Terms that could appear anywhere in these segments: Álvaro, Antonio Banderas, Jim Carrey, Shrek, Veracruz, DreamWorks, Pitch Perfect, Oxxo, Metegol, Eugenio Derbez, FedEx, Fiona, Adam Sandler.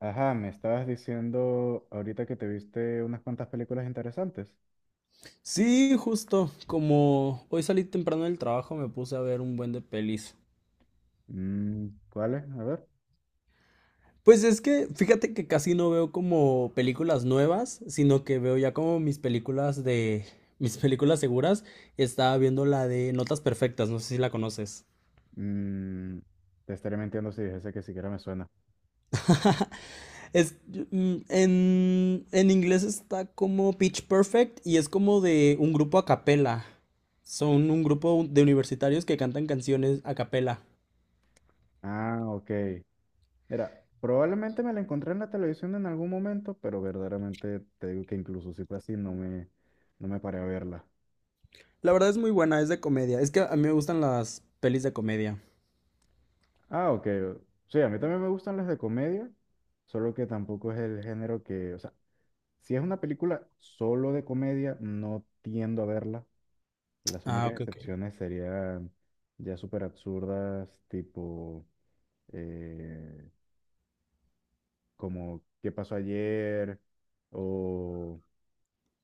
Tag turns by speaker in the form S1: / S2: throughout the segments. S1: Ajá, me estabas diciendo ahorita que te viste unas cuantas películas interesantes.
S2: Sí, justo, como hoy salí temprano del trabajo, me puse a ver un buen de pelis.
S1: Mm, ¿cuáles? A ver.
S2: Pues es que, fíjate que casi no veo como películas nuevas, sino que veo ya como mis películas de, mis películas seguras. Estaba viendo la de Notas Perfectas, no sé si la conoces.
S1: Mm, te estaré mintiendo si dijese que siquiera me suena.
S2: Es, en inglés está como Pitch Perfect y es como de un grupo a capela. Son un grupo de universitarios que cantan canciones a capela.
S1: Ah, ok. Mira, probablemente me la encontré en la televisión en algún momento, pero verdaderamente te digo que incluso si fue así, no me paré a verla.
S2: La verdad es muy buena, es de comedia. Es que a mí me gustan las pelis de comedia.
S1: Ah, ok. Sí, a mí también me gustan las de comedia, solo que tampoco es el género que, o sea, si es una película solo de comedia, no tiendo a verla. Las
S2: Ah,
S1: únicas
S2: ok, ok.
S1: excepciones serían ya súper absurdas, tipo eh, como ¿Qué pasó ayer?, o,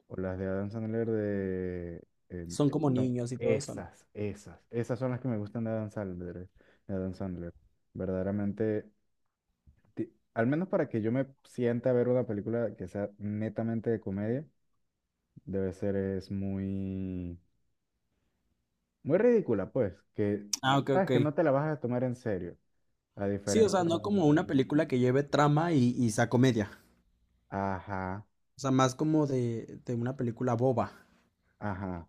S1: o las de Adam Sandler de... em,
S2: Son como
S1: son
S2: niños y todo eso, ¿no?
S1: esas, esas. Esas son las que me gustan de Adam Sandler. De Adam Sandler. Verdaderamente, al menos para que yo me sienta a ver una película que sea netamente de comedia, debe ser es muy ridícula, pues, que
S2: Ah, ok,
S1: sabes
S2: ok.
S1: que no te la vas a tomar en serio. La
S2: Sí, o sea,
S1: diferencia.
S2: no como una película que lleve trama y sea comedia.
S1: Ajá,
S2: O sea, más como de una película boba.
S1: ajá.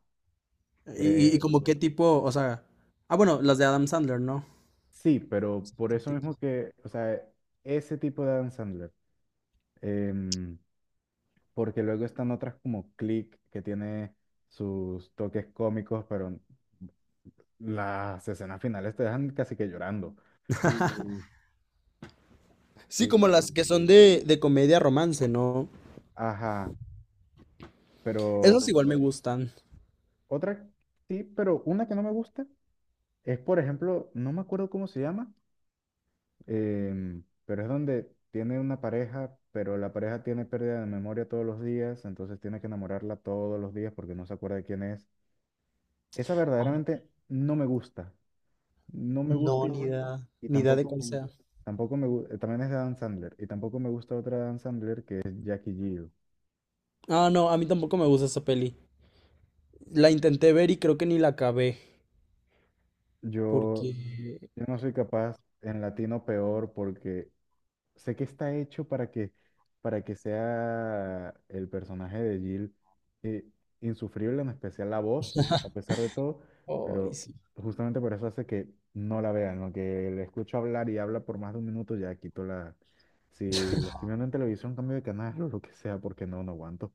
S2: Y
S1: Eh,
S2: como qué tipo, o sea... Ah, bueno, las de Adam Sandler, ¿no?
S1: sí, pero
S2: Ese
S1: por eso
S2: tipo.
S1: mismo que, o sea, ese tipo de Adam Sandler. em, Porque luego están otras como Click, que tiene sus toques cómicos, pero las escenas finales te dejan casi que llorando. Y,
S2: Sí, como las que son
S1: y-
S2: de comedia romance, ¿no?
S1: ajá, pero
S2: Esas igual me gustan.
S1: otra, sí, pero una que no me gusta es, por ejemplo, no me acuerdo cómo se llama. Pero es donde tiene una pareja, pero la pareja tiene pérdida de memoria todos los días, entonces tiene que enamorarla todos los días porque no se acuerda de quién es. Esa
S2: Ah,
S1: verdaderamente no me gusta. No me gusta
S2: no, ni idea,
S1: y
S2: ni idea de cuál sea.
S1: tampoco me gusta. También es de Adam Sandler. Y tampoco me gusta otra de Adam Sandler que es Jackie Jill.
S2: Ah, no, a mí tampoco me gusta esa peli. La intenté ver y creo que ni la acabé.
S1: Yo,
S2: Porque,
S1: yo no soy capaz en latino peor porque sé que está hecho para que sea el personaje de Jill eh, insufrible, en especial la voz, a pesar de todo,
S2: ay,
S1: pero
S2: sí.
S1: justamente por eso hace que no la vean, lo que le escucho hablar y habla por más de un minuto, ya quito la... Si la estoy viendo en televisión, cambio de canal o lo que sea, porque no aguanto.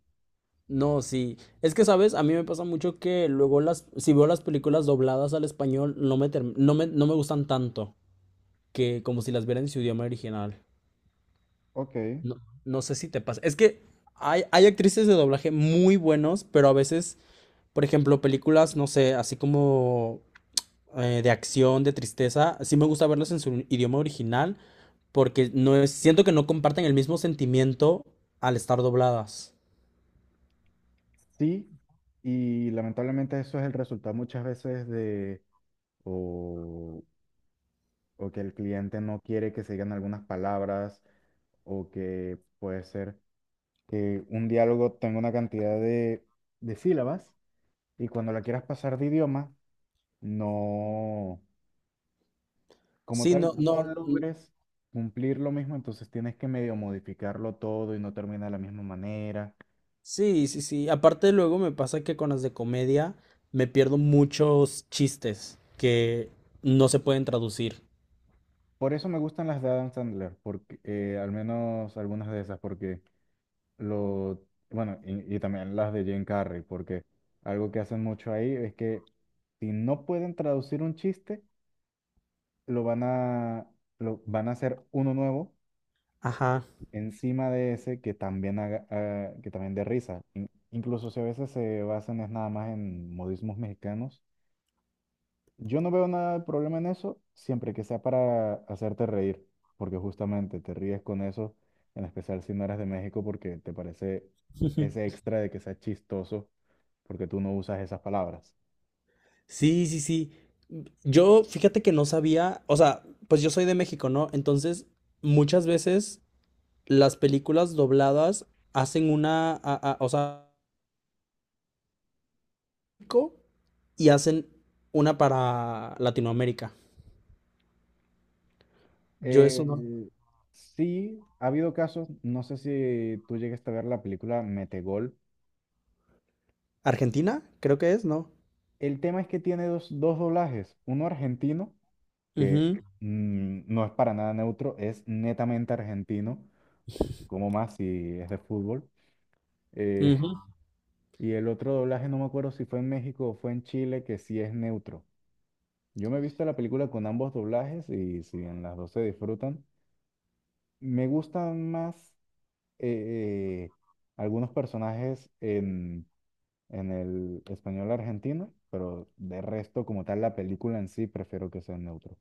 S2: No, sí. Es que, ¿sabes? A mí me pasa mucho que luego las, si veo las películas dobladas al español, no me, term- no me, no me gustan tanto que como si las viera en su idioma original.
S1: Ok,
S2: No, no sé si te pasa. Es que hay actrices de doblaje muy buenos, pero a veces, por ejemplo, películas, no sé, así como de acción, de tristeza, sí me gusta verlas en su idioma original porque siento que no comparten el mismo sentimiento al estar dobladas.
S1: sí, y lamentablemente eso es el resultado muchas veces de, o, o que el cliente no quiere que se digan algunas palabras o que puede ser que un diálogo tenga una cantidad de sílabas y cuando la quieras pasar de idioma, no, como
S2: Sí, no,
S1: tal, no logres cumplir lo mismo, entonces tienes que medio modificarlo todo y no termina de la misma manera.
S2: sí, sí, sí. Aparte luego me pasa que con las de comedia me pierdo muchos chistes que no se pueden traducir.
S1: Por eso me gustan las de Adam Sandler, porque, al menos algunas de esas, porque lo, bueno, y también las de Jim Carrey, porque algo que hacen mucho ahí es que si no pueden traducir un chiste, lo van a, lo, van a hacer uno nuevo
S2: Ajá.
S1: encima de ese que también, haga, ah, que también dé risa. Incluso si a veces se basan es nada más en modismos mexicanos. Yo no veo nada de problema en eso, siempre que sea para hacerte reír, porque justamente te ríes con eso, en especial si no eres de México, porque te parece ese extra de que sea chistoso, porque tú no usas esas palabras.
S2: Sí, sí, sí. Yo, fíjate que no sabía, o sea, pues yo soy de México, ¿no? Entonces, muchas veces las películas dobladas hacen una, o sea, México, y hacen una para Latinoamérica. Yo eso
S1: Eh,
S2: no.
S1: sí, ha habido casos, no sé si tú llegaste a ver la película Metegol.
S2: Argentina, creo que es, ¿no?
S1: El tema es que tiene dos doblajes, uno argentino, que
S2: Ujú,
S1: no es para nada neutro, es netamente argentino, como más si es de fútbol. eh,
S2: ujú.
S1: y el otro doblaje, no me acuerdo si fue en México o fue en Chile, que sí es neutro. Yo me he visto la película con ambos doblajes y si en las dos se disfrutan, me gustan más eh, eh, algunos personajes en el español argentino, pero de resto, como tal, la película en sí prefiero que sea en neutro.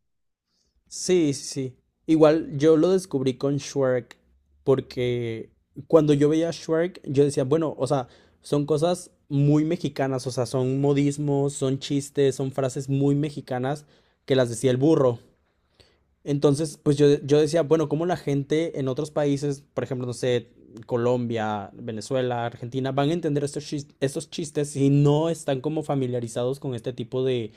S2: Sí, sí, sí. Igual yo lo descubrí con Shrek, porque cuando yo veía Shrek, yo decía, bueno, o sea, son cosas muy mexicanas, o sea, son modismos, son chistes, son frases muy mexicanas que las decía el burro. Entonces, pues yo decía, bueno, cómo la gente en otros países, por ejemplo, no sé, Colombia, Venezuela, Argentina, van a entender estos chistes si no están como familiarizados con este tipo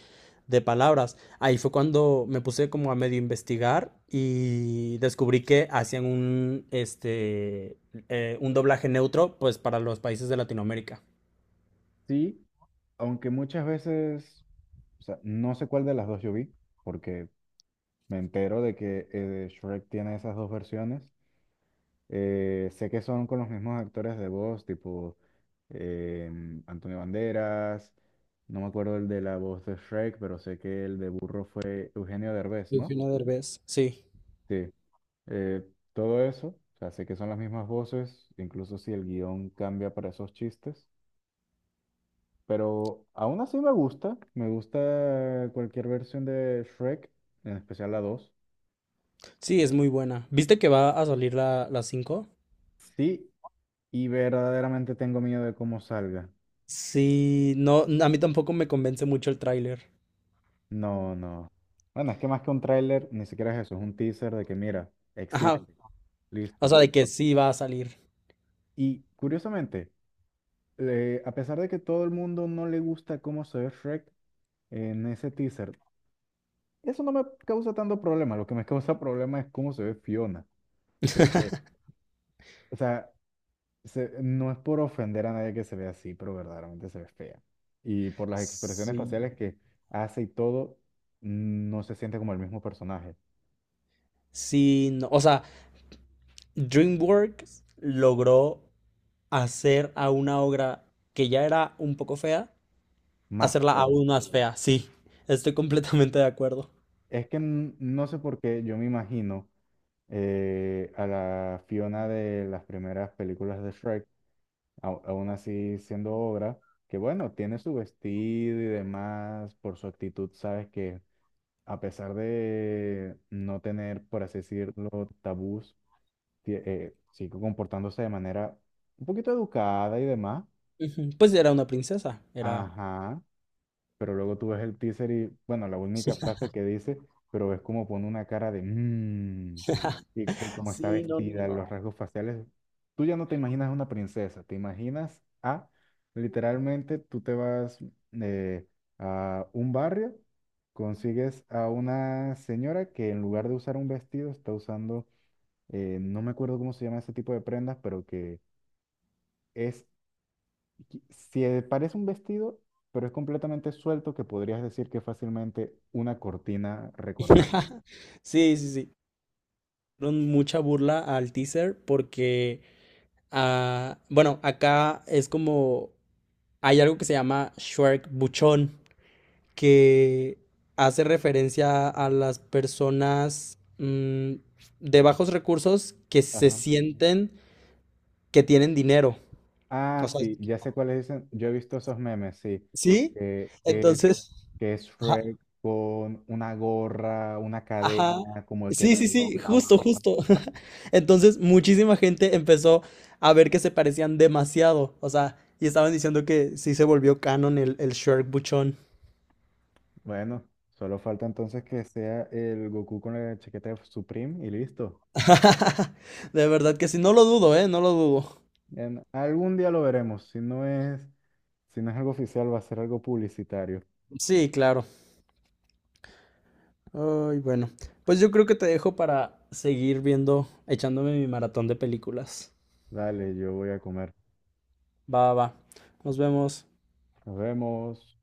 S2: de palabras. Ahí fue cuando me puse como a medio investigar y descubrí que hacían un, este, un doblaje neutro, pues para los países de Latinoamérica.
S1: Sí, aunque muchas veces, o sea, no sé cuál de las dos yo vi, porque me entero de que Shrek tiene esas dos versiones. Sé que son con los mismos actores de voz, tipo Antonio Banderas, no me acuerdo el de la voz de Shrek, pero sé que el de Burro fue Eugenio Derbez, ¿no?
S2: Eugenio Derbez. Sí,
S1: Sí. eh, Todo eso. O sea, sé que son las mismas voces, incluso si el guión cambia para esos chistes. Pero aún así me gusta. Me gusta cualquier versión de Shrek, en especial la dos.
S2: sí, es muy buena. ¿Viste que va a salir la cinco?
S1: Sí, y verdaderamente tengo miedo de cómo salga.
S2: Sí, no, a mí tampoco me convence mucho el tráiler.
S1: No, no. Bueno, es que más que un tráiler, ni siquiera es eso, es un teaser de que mira,
S2: Ajá,
S1: existe,
S2: o
S1: listo.
S2: sea, de que sí va a salir.
S1: Y curiosamente, a pesar de que todo el mundo no le gusta cómo se ve Shrek, en ese teaser eso no me causa tanto problema. Lo que me causa problema es cómo se ve Fiona. Eh, O sea, no es por ofender a nadie que se ve así, pero verdaderamente se ve fea. Y por las expresiones
S2: Sí,
S1: faciales que hace y todo, no se siente como el mismo personaje.
S2: sí, no, o sea, DreamWorks logró hacer a una obra que ya era un poco fea,
S1: Más
S2: hacerla
S1: fea.
S2: aún más fea, sí, estoy completamente de acuerdo.
S1: Es que no sé por qué yo me imagino a la Fiona de las primeras películas de Shrek, aún así siendo obra, que bueno, tiene su vestido y demás, por su actitud, sabes que a pesar de no tener, por así decirlo, tabús, sigo comportándose de manera un poquito educada y demás.
S2: Ujú, pues era una princesa, era...
S1: Ajá, pero luego tú ves el teaser y, bueno, la única frase que dice, pero es como pone una cara de mmm, y cómo está
S2: Sí, no, no,
S1: vestida, los
S2: no.
S1: rasgos faciales. Tú ya no te imaginas una princesa, te imaginas a, literalmente, tú te vas eh, a un barrio, consigues a una señora que en lugar de usar un vestido está usando, no me acuerdo cómo se llama ese tipo de prendas, pero que... Es se parece un vestido, pero es completamente suelto que podrías decir que es fácilmente una cortina recortada.
S2: Sí, sí, sí. Dieron mucha burla al teaser porque, ah, bueno, acá es como hay algo que se llama Shrek Buchón, que hace referencia a las personas de bajos recursos que se
S1: Ajá.
S2: sienten que tienen dinero.
S1: Ah,
S2: O sea,
S1: sí, ya sé cuáles dicen. Yo he visto esos memes, sí.
S2: ¿sí?
S1: Que es,
S2: Entonces,
S1: que es
S2: ajá,
S1: Shrek con una gorra, una
S2: ajá.
S1: cadena, como el que el
S2: Sí, sí,
S1: reloj,
S2: sí,
S1: la
S2: justo,
S1: barba.
S2: justo. Entonces, muchísima gente empezó a ver que se parecían demasiado. O sea, y estaban diciendo que sí se volvió canon el Shrek Buchón.
S1: Bueno, solo falta entonces que sea el Goku con la chaqueta de Supreme y listo.
S2: De verdad que sí, no lo dudo, ¿eh? No lo dudo.
S1: Algún día lo veremos. Si no es, si no es algo oficial, va a ser algo publicitario.
S2: Sí, claro. Ay, bueno. Pues yo creo que te dejo para seguir viendo, echándome mi maratón de películas.
S1: Dale, yo voy a comer.
S2: Va, va, va. Nos vemos.
S1: Nos vemos.